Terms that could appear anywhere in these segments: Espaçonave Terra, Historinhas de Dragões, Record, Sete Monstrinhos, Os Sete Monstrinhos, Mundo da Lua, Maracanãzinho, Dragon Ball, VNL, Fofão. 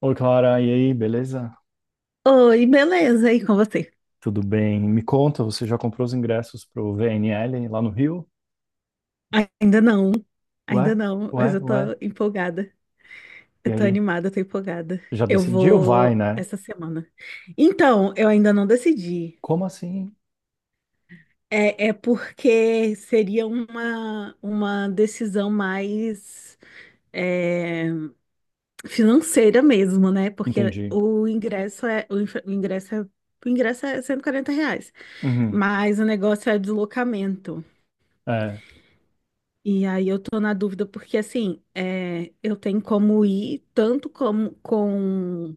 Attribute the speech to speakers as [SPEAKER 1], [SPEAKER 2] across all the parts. [SPEAKER 1] Oi, Clara, e aí, beleza?
[SPEAKER 2] Oi, beleza? E com você?
[SPEAKER 1] Tudo bem? Me conta, você já comprou os ingressos pro VNL lá no Rio?
[SPEAKER 2] Ainda não,
[SPEAKER 1] Ué,
[SPEAKER 2] ainda não, mas
[SPEAKER 1] ué,
[SPEAKER 2] eu tô
[SPEAKER 1] ué.
[SPEAKER 2] empolgada.
[SPEAKER 1] E
[SPEAKER 2] Eu tô
[SPEAKER 1] aí,
[SPEAKER 2] animada, eu tô empolgada.
[SPEAKER 1] já
[SPEAKER 2] Eu
[SPEAKER 1] decidiu? Vai,
[SPEAKER 2] vou
[SPEAKER 1] né?
[SPEAKER 2] essa semana. Então, eu ainda não decidi.
[SPEAKER 1] Como assim?
[SPEAKER 2] É porque seria uma decisão mais é, financeira mesmo, né? Porque
[SPEAKER 1] Entendi.
[SPEAKER 2] o ingresso é o, o ingresso é R$ 140,
[SPEAKER 1] Uhum.
[SPEAKER 2] mas o negócio é deslocamento.
[SPEAKER 1] É.
[SPEAKER 2] E aí eu tô na dúvida porque assim, é, eu tenho como ir tanto como com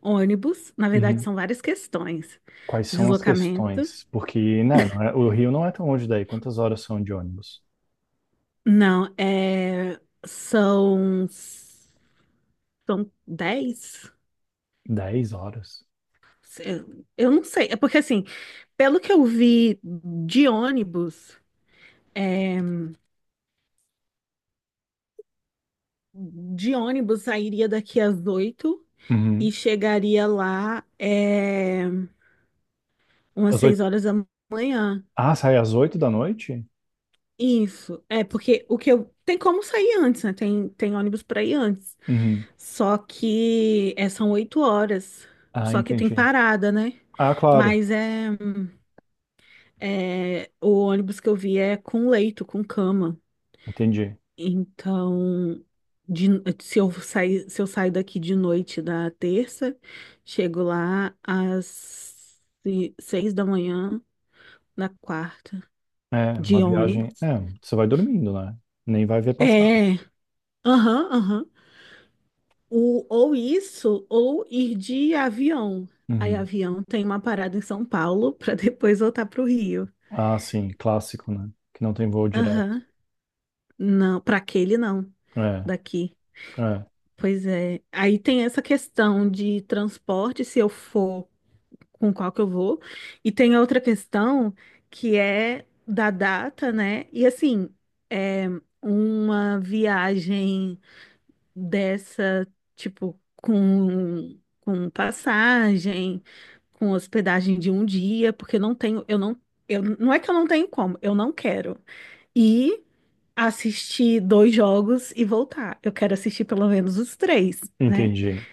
[SPEAKER 2] ônibus, na verdade
[SPEAKER 1] Uhum.
[SPEAKER 2] são várias questões.
[SPEAKER 1] Quais são as
[SPEAKER 2] Deslocamento,
[SPEAKER 1] questões? Porque, né, o Rio não é tão longe daí. Quantas horas são de ônibus?
[SPEAKER 2] não, é, são 10.
[SPEAKER 1] Dez horas.
[SPEAKER 2] Eu não sei, é porque assim, pelo que eu vi de ônibus, é, de ônibus sairia daqui às 8 e
[SPEAKER 1] Uhum.
[SPEAKER 2] chegaria lá umas
[SPEAKER 1] Às
[SPEAKER 2] 6
[SPEAKER 1] oito.
[SPEAKER 2] horas da manhã.
[SPEAKER 1] Ah, sai às oito da noite?
[SPEAKER 2] Isso, é porque o que eu. Tem como sair antes, né? Tem, tem ônibus para ir antes.
[SPEAKER 1] Uhum.
[SPEAKER 2] Só que é, são 8 horas.
[SPEAKER 1] Ah,
[SPEAKER 2] Só que tem
[SPEAKER 1] entendi.
[SPEAKER 2] parada, né?
[SPEAKER 1] Ah, claro.
[SPEAKER 2] Mas é, é. O ônibus que eu vi é com leito, com cama.
[SPEAKER 1] Entendi.
[SPEAKER 2] Então, de- se eu sair, se eu saio daqui de noite da terça, chego lá às 6 da manhã na quarta,
[SPEAKER 1] É, uma
[SPEAKER 2] de
[SPEAKER 1] viagem.
[SPEAKER 2] ônibus.
[SPEAKER 1] É, você vai dormindo, né? Nem vai ver passar.
[SPEAKER 2] É, aham, aham. Ou isso, ou ir de avião. Aí,
[SPEAKER 1] Uhum.
[SPEAKER 2] avião tem uma parada em São Paulo para depois voltar para o Rio.
[SPEAKER 1] Ah, sim, clássico, né? Que não tem voo direto.
[SPEAKER 2] Aham. Não, para aquele não,
[SPEAKER 1] É,
[SPEAKER 2] daqui.
[SPEAKER 1] é,
[SPEAKER 2] Pois é. Aí tem essa questão de transporte, se eu for com qual que eu vou. E tem a outra questão que é da data, né? E assim, é uma viagem. Dessa, tipo, com passagem, com hospedagem de um dia, porque eu não tenho, eu, não é que eu não tenho como, eu não quero. E assistir dois jogos e voltar. Eu quero assistir pelo menos os três, né?
[SPEAKER 1] entendi.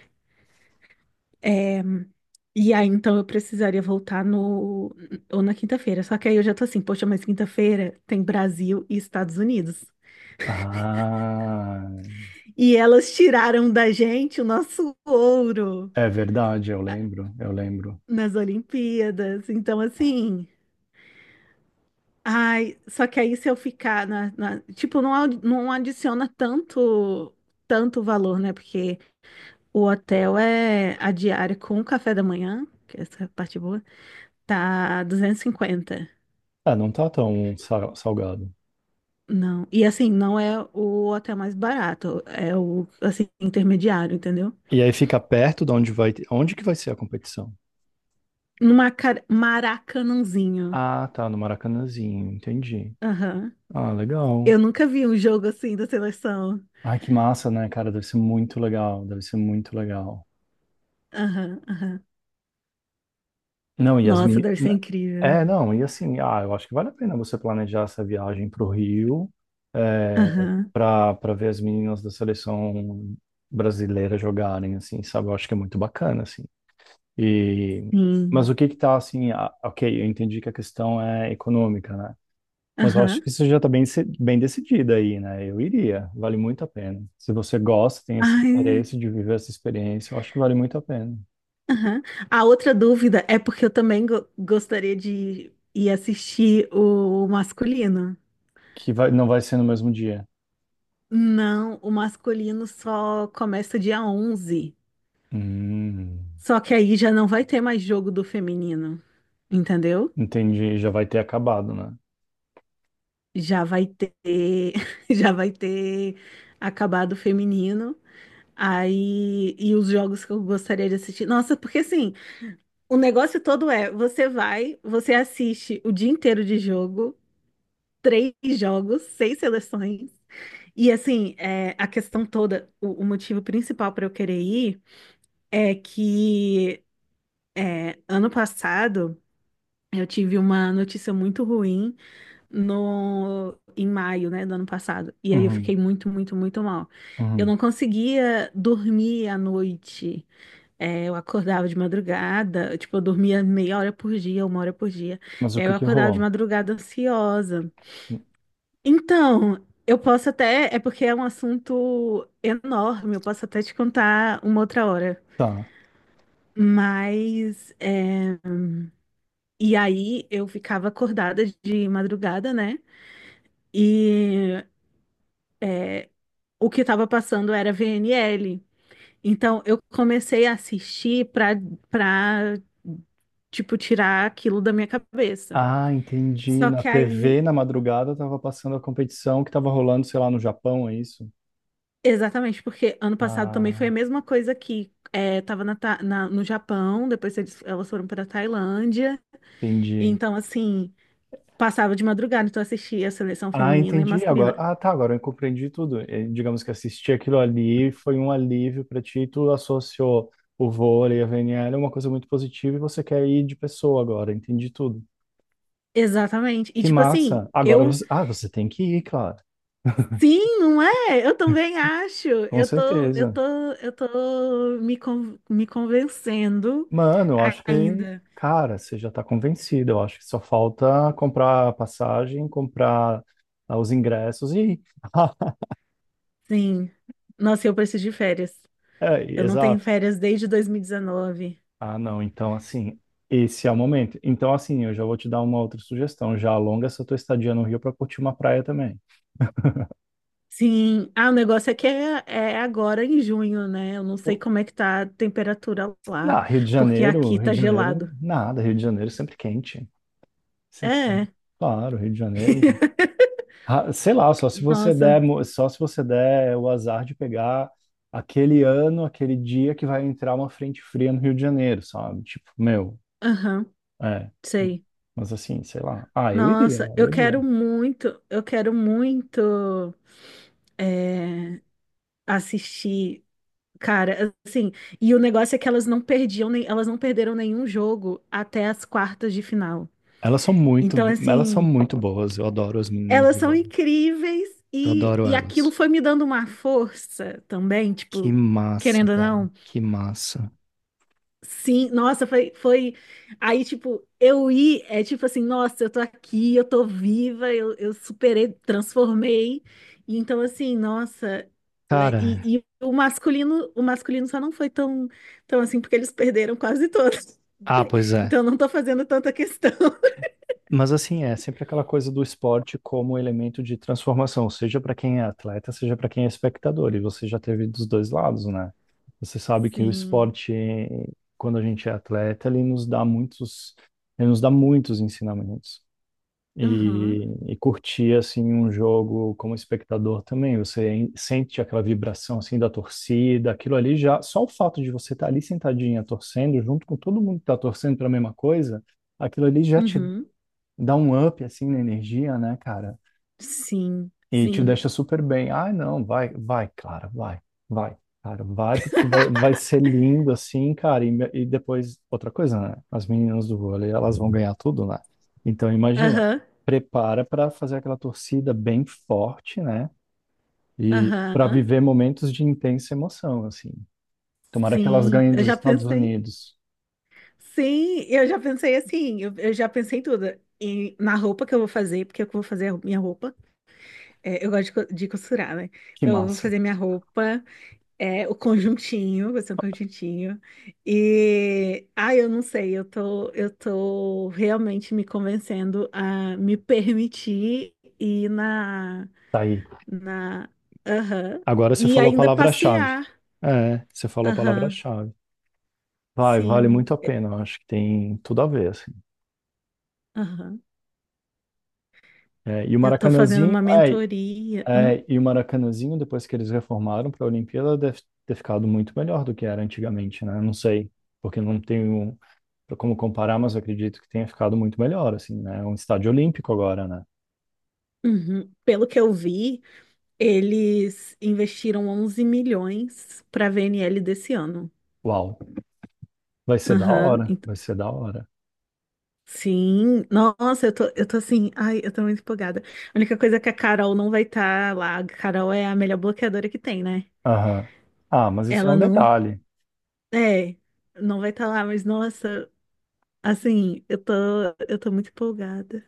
[SPEAKER 2] E aí, então, eu precisaria voltar no, ou na quinta-feira. Só que aí eu já tô assim, poxa, mas quinta-feira tem Brasil e Estados Unidos.
[SPEAKER 1] Ah,
[SPEAKER 2] E elas tiraram da gente o nosso ouro
[SPEAKER 1] é verdade, eu lembro, eu lembro.
[SPEAKER 2] nas Olimpíadas. Então, assim, ai, só que aí se eu ficar na, tipo, não, não adiciona tanto, tanto valor, né? Porque o hotel é a diária com o café da manhã, que essa é a parte boa, tá 250.
[SPEAKER 1] Ah, não tá tão salgado.
[SPEAKER 2] Não. E assim, não é o hotel mais barato, é o assim, intermediário, entendeu?
[SPEAKER 1] E aí fica perto de onde vai, onde que vai ser a competição?
[SPEAKER 2] No Maracanãzinho.
[SPEAKER 1] Ah, tá, no Maracanãzinho, entendi.
[SPEAKER 2] Aham.
[SPEAKER 1] Ah, legal.
[SPEAKER 2] Eu nunca vi um jogo assim da seleção.
[SPEAKER 1] Ai, que massa, né, cara? Deve ser muito legal, deve ser muito legal.
[SPEAKER 2] Aham, aham.
[SPEAKER 1] Não, e as
[SPEAKER 2] Nossa,
[SPEAKER 1] meni-
[SPEAKER 2] deve ser incrível.
[SPEAKER 1] É, não, e assim, ah, eu acho que vale a pena você planejar essa viagem para o Rio, é,
[SPEAKER 2] Aham,
[SPEAKER 1] para ver as meninas da seleção brasileira jogarem, assim, sabe? Eu acho que é muito bacana, assim. E, mas
[SPEAKER 2] sim.
[SPEAKER 1] o que que tá, assim, ah, ok, eu entendi que a questão é econômica, né? Mas eu acho
[SPEAKER 2] Aham.
[SPEAKER 1] que isso já está bem, bem decidida aí, né? Eu iria, vale muito a pena. Se você gosta, tem esse
[SPEAKER 2] Ai,
[SPEAKER 1] interesse de viver essa experiência, eu acho que vale muito a pena.
[SPEAKER 2] aham. A outra dúvida é porque eu também gostaria de ir assistir o masculino.
[SPEAKER 1] Que vai, não vai ser no mesmo dia.
[SPEAKER 2] Não, o masculino só começa dia 11.
[SPEAKER 1] Hum.
[SPEAKER 2] Só que aí já não vai ter mais jogo do feminino, entendeu?
[SPEAKER 1] Entendi, já vai ter acabado, né?
[SPEAKER 2] Já vai ter, já vai ter acabado o feminino. Aí, e os jogos que eu gostaria de assistir. Nossa, porque assim, o negócio todo é, você vai, você assiste o dia inteiro de jogo, três jogos, seis seleções. E assim, é, a questão toda, o motivo principal para eu querer ir é que é, ano passado eu tive uma notícia muito ruim no, em maio, né, do ano passado. E aí eu
[SPEAKER 1] Uhum,
[SPEAKER 2] fiquei muito, muito, muito mal. Eu
[SPEAKER 1] uhum.
[SPEAKER 2] não conseguia dormir à noite. É, eu acordava de madrugada, tipo, eu dormia meia hora por dia, uma hora por dia.
[SPEAKER 1] Mas o
[SPEAKER 2] E aí
[SPEAKER 1] que
[SPEAKER 2] eu
[SPEAKER 1] que
[SPEAKER 2] acordava de
[SPEAKER 1] rolou?
[SPEAKER 2] madrugada ansiosa. Então, eu posso até, é porque é um assunto enorme, eu posso até te contar uma outra hora.
[SPEAKER 1] Tá.
[SPEAKER 2] Mas, é, e aí eu ficava acordada de madrugada, né? E o que estava passando era VNL. Então, eu comecei a assistir para, tipo, tirar aquilo da minha cabeça.
[SPEAKER 1] Ah, entendi.
[SPEAKER 2] Só
[SPEAKER 1] Na
[SPEAKER 2] que aí,
[SPEAKER 1] TV, na madrugada, tava passando a competição que tava rolando, sei lá, no Japão, é isso?
[SPEAKER 2] exatamente, porque ano passado também foi a
[SPEAKER 1] Ah,
[SPEAKER 2] mesma coisa que é, tava na, no Japão, depois eles, elas foram para Tailândia,
[SPEAKER 1] entendi.
[SPEAKER 2] então assim, passava de madrugada, então eu assistia a seleção
[SPEAKER 1] Ah,
[SPEAKER 2] feminina e
[SPEAKER 1] entendi agora.
[SPEAKER 2] masculina.
[SPEAKER 1] Ah, tá, agora eu compreendi tudo. Eh, digamos que assistir aquilo ali foi um alívio pra ti, tu associou o vôlei, a VNL, é uma coisa muito positiva e você quer ir de pessoa agora, entendi tudo.
[SPEAKER 2] Exatamente. E
[SPEAKER 1] Que
[SPEAKER 2] tipo assim,
[SPEAKER 1] massa. Agora
[SPEAKER 2] eu
[SPEAKER 1] você... Ah, você tem que ir, claro.
[SPEAKER 2] sim, não é? Eu também acho.
[SPEAKER 1] Com
[SPEAKER 2] Eu tô, eu
[SPEAKER 1] certeza.
[SPEAKER 2] tô, eu tô me, me convencendo
[SPEAKER 1] Mano, eu acho que,
[SPEAKER 2] ainda.
[SPEAKER 1] cara, você já tá convencido. Eu acho que só falta comprar a passagem, comprar ah, os ingressos e ir.
[SPEAKER 2] Sim. Nossa, eu preciso de férias.
[SPEAKER 1] É,
[SPEAKER 2] Eu não tenho
[SPEAKER 1] exato.
[SPEAKER 2] férias desde 2019.
[SPEAKER 1] Ah, não. Então, assim, esse é o momento. Então, assim, eu já vou te dar uma outra sugestão. Já alonga essa tua estadia no Rio para curtir uma praia também.
[SPEAKER 2] Sim, ah, o negócio é que é, é agora em junho, né? Eu não sei
[SPEAKER 1] O-
[SPEAKER 2] como é que tá a temperatura lá,
[SPEAKER 1] Na
[SPEAKER 2] porque aqui
[SPEAKER 1] Rio
[SPEAKER 2] tá
[SPEAKER 1] de Janeiro,
[SPEAKER 2] gelado.
[SPEAKER 1] nada. Rio de Janeiro sempre quente. Sempre quente.
[SPEAKER 2] É.
[SPEAKER 1] Claro, Rio de Janeiro. Ah, sei lá, só se você der,
[SPEAKER 2] Nossa,
[SPEAKER 1] só se você der o azar de pegar aquele ano, aquele dia que vai entrar uma frente fria no Rio de Janeiro, sabe? Tipo, meu,
[SPEAKER 2] aham,
[SPEAKER 1] é.
[SPEAKER 2] sei.
[SPEAKER 1] Mas assim, sei lá. Ah, eu
[SPEAKER 2] Nossa,
[SPEAKER 1] iria, eu iria.
[SPEAKER 2] eu quero muito é, assistir, cara, assim, e o negócio é que elas não perdiam, nem, elas não perderam nenhum jogo até as quartas de final.
[SPEAKER 1] Elas são muito,
[SPEAKER 2] Então,
[SPEAKER 1] elas são
[SPEAKER 2] assim,
[SPEAKER 1] muito boas. Eu adoro as meninas
[SPEAKER 2] elas
[SPEAKER 1] do
[SPEAKER 2] são
[SPEAKER 1] vôlei.
[SPEAKER 2] incríveis
[SPEAKER 1] Eu adoro
[SPEAKER 2] e aquilo
[SPEAKER 1] elas.
[SPEAKER 2] foi me dando uma força também,
[SPEAKER 1] Que
[SPEAKER 2] tipo,
[SPEAKER 1] massa,
[SPEAKER 2] querendo ou
[SPEAKER 1] cara.
[SPEAKER 2] não.
[SPEAKER 1] Que massa.
[SPEAKER 2] Sim, nossa, foi, foi. Aí, tipo, eu ir, é tipo assim, nossa, eu tô aqui, eu tô viva, eu superei, transformei. E então, assim, nossa.
[SPEAKER 1] Cara,
[SPEAKER 2] E o masculino só não foi tão, tão assim, porque eles perderam quase todos.
[SPEAKER 1] ah, pois é.
[SPEAKER 2] Então, eu não tô fazendo tanta questão.
[SPEAKER 1] Mas assim, é sempre aquela coisa do esporte como elemento de transformação, seja para quem é atleta, seja para quem é espectador, e você já teve dos dois lados, né? Você sabe que o
[SPEAKER 2] Sim.
[SPEAKER 1] esporte, quando a gente é atleta, ele nos dá muitos ensinamentos. E,
[SPEAKER 2] Aham.
[SPEAKER 1] e curtir assim um jogo como espectador também, você sente aquela vibração assim da torcida, aquilo ali já, só o fato de você estar ali sentadinha torcendo junto com todo mundo que está torcendo para a mesma coisa, aquilo ali já te
[SPEAKER 2] Uhum.
[SPEAKER 1] dá um up assim na energia, né, cara?
[SPEAKER 2] Sim,
[SPEAKER 1] E te
[SPEAKER 2] sim.
[SPEAKER 1] deixa super bem. Ah, não, vai, vai, cara, vai, vai, cara, vai, porque vai, vai ser lindo assim, cara. E, e depois, outra coisa, né? As meninas do vôlei, elas vão ganhar tudo, né? Então, imagina,
[SPEAKER 2] Aham,
[SPEAKER 1] prepara para fazer aquela torcida bem forte, né? E para
[SPEAKER 2] aham.
[SPEAKER 1] viver momentos de intensa emoção, assim. Tomara que elas
[SPEAKER 2] Sim,
[SPEAKER 1] ganhem
[SPEAKER 2] eu
[SPEAKER 1] dos
[SPEAKER 2] já
[SPEAKER 1] Estados
[SPEAKER 2] pensei.
[SPEAKER 1] Unidos.
[SPEAKER 2] Sim, eu já pensei assim, eu já pensei em tudo. E na roupa que eu vou fazer, porque eu vou fazer a minha roupa. É, eu gosto de costurar, né?
[SPEAKER 1] Que
[SPEAKER 2] Então eu vou
[SPEAKER 1] massa.
[SPEAKER 2] fazer minha roupa, é, o conjuntinho, vai ser um conjuntinho. E ah, eu não sei, eu tô realmente me convencendo a me permitir ir na,
[SPEAKER 1] Tá aí.
[SPEAKER 2] na, aham,
[SPEAKER 1] Agora você
[SPEAKER 2] e
[SPEAKER 1] falou a
[SPEAKER 2] ainda
[SPEAKER 1] palavra-chave.
[SPEAKER 2] passear.
[SPEAKER 1] É, você falou a
[SPEAKER 2] Aham,
[SPEAKER 1] palavra-chave. Vai, vale
[SPEAKER 2] sim.
[SPEAKER 1] muito a pena, eu acho que tem tudo a ver, assim.
[SPEAKER 2] Aham.
[SPEAKER 1] É, e o
[SPEAKER 2] Eu estou fazendo
[SPEAKER 1] Maracanãzinho,
[SPEAKER 2] uma
[SPEAKER 1] é,
[SPEAKER 2] mentoria.
[SPEAKER 1] é, e o Maracanãzinho, depois que eles reformaram para a Olimpíada, deve ter ficado muito melhor do que era antigamente, né? Não sei, porque não tenho como comparar, mas eu acredito que tenha ficado muito melhor, assim, né? É um estádio olímpico agora, né?
[SPEAKER 2] Uhum. Pelo que eu vi, eles investiram 11 milhões para a VNL desse ano.
[SPEAKER 1] Uau, vai ser da
[SPEAKER 2] Aham,
[SPEAKER 1] hora,
[SPEAKER 2] ent-
[SPEAKER 1] vai ser da hora.
[SPEAKER 2] Sim, nossa, eu tô assim, ai, eu tô muito empolgada. A única coisa é que a Carol não vai estar lá. A Carol é a melhor bloqueadora que tem, né?
[SPEAKER 1] Aham. Ah, mas isso é
[SPEAKER 2] Ela
[SPEAKER 1] um
[SPEAKER 2] não,
[SPEAKER 1] detalhe.
[SPEAKER 2] é, não vai estar lá, mas nossa, assim, eu tô muito empolgada.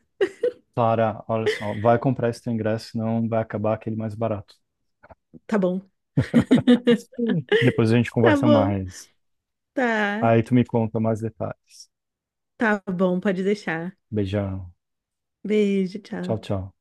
[SPEAKER 1] Clara, olha só, vai comprar esse teu ingresso, senão vai acabar aquele mais barato.
[SPEAKER 2] Tá bom.
[SPEAKER 1] Sim. Depois a gente
[SPEAKER 2] Tá
[SPEAKER 1] conversa
[SPEAKER 2] bom,
[SPEAKER 1] mais.
[SPEAKER 2] tá,
[SPEAKER 1] Aí tu me conta mais detalhes.
[SPEAKER 2] tá bom, pode deixar.
[SPEAKER 1] Beijão.
[SPEAKER 2] Beijo,
[SPEAKER 1] Tchau,
[SPEAKER 2] tchau.
[SPEAKER 1] tchau.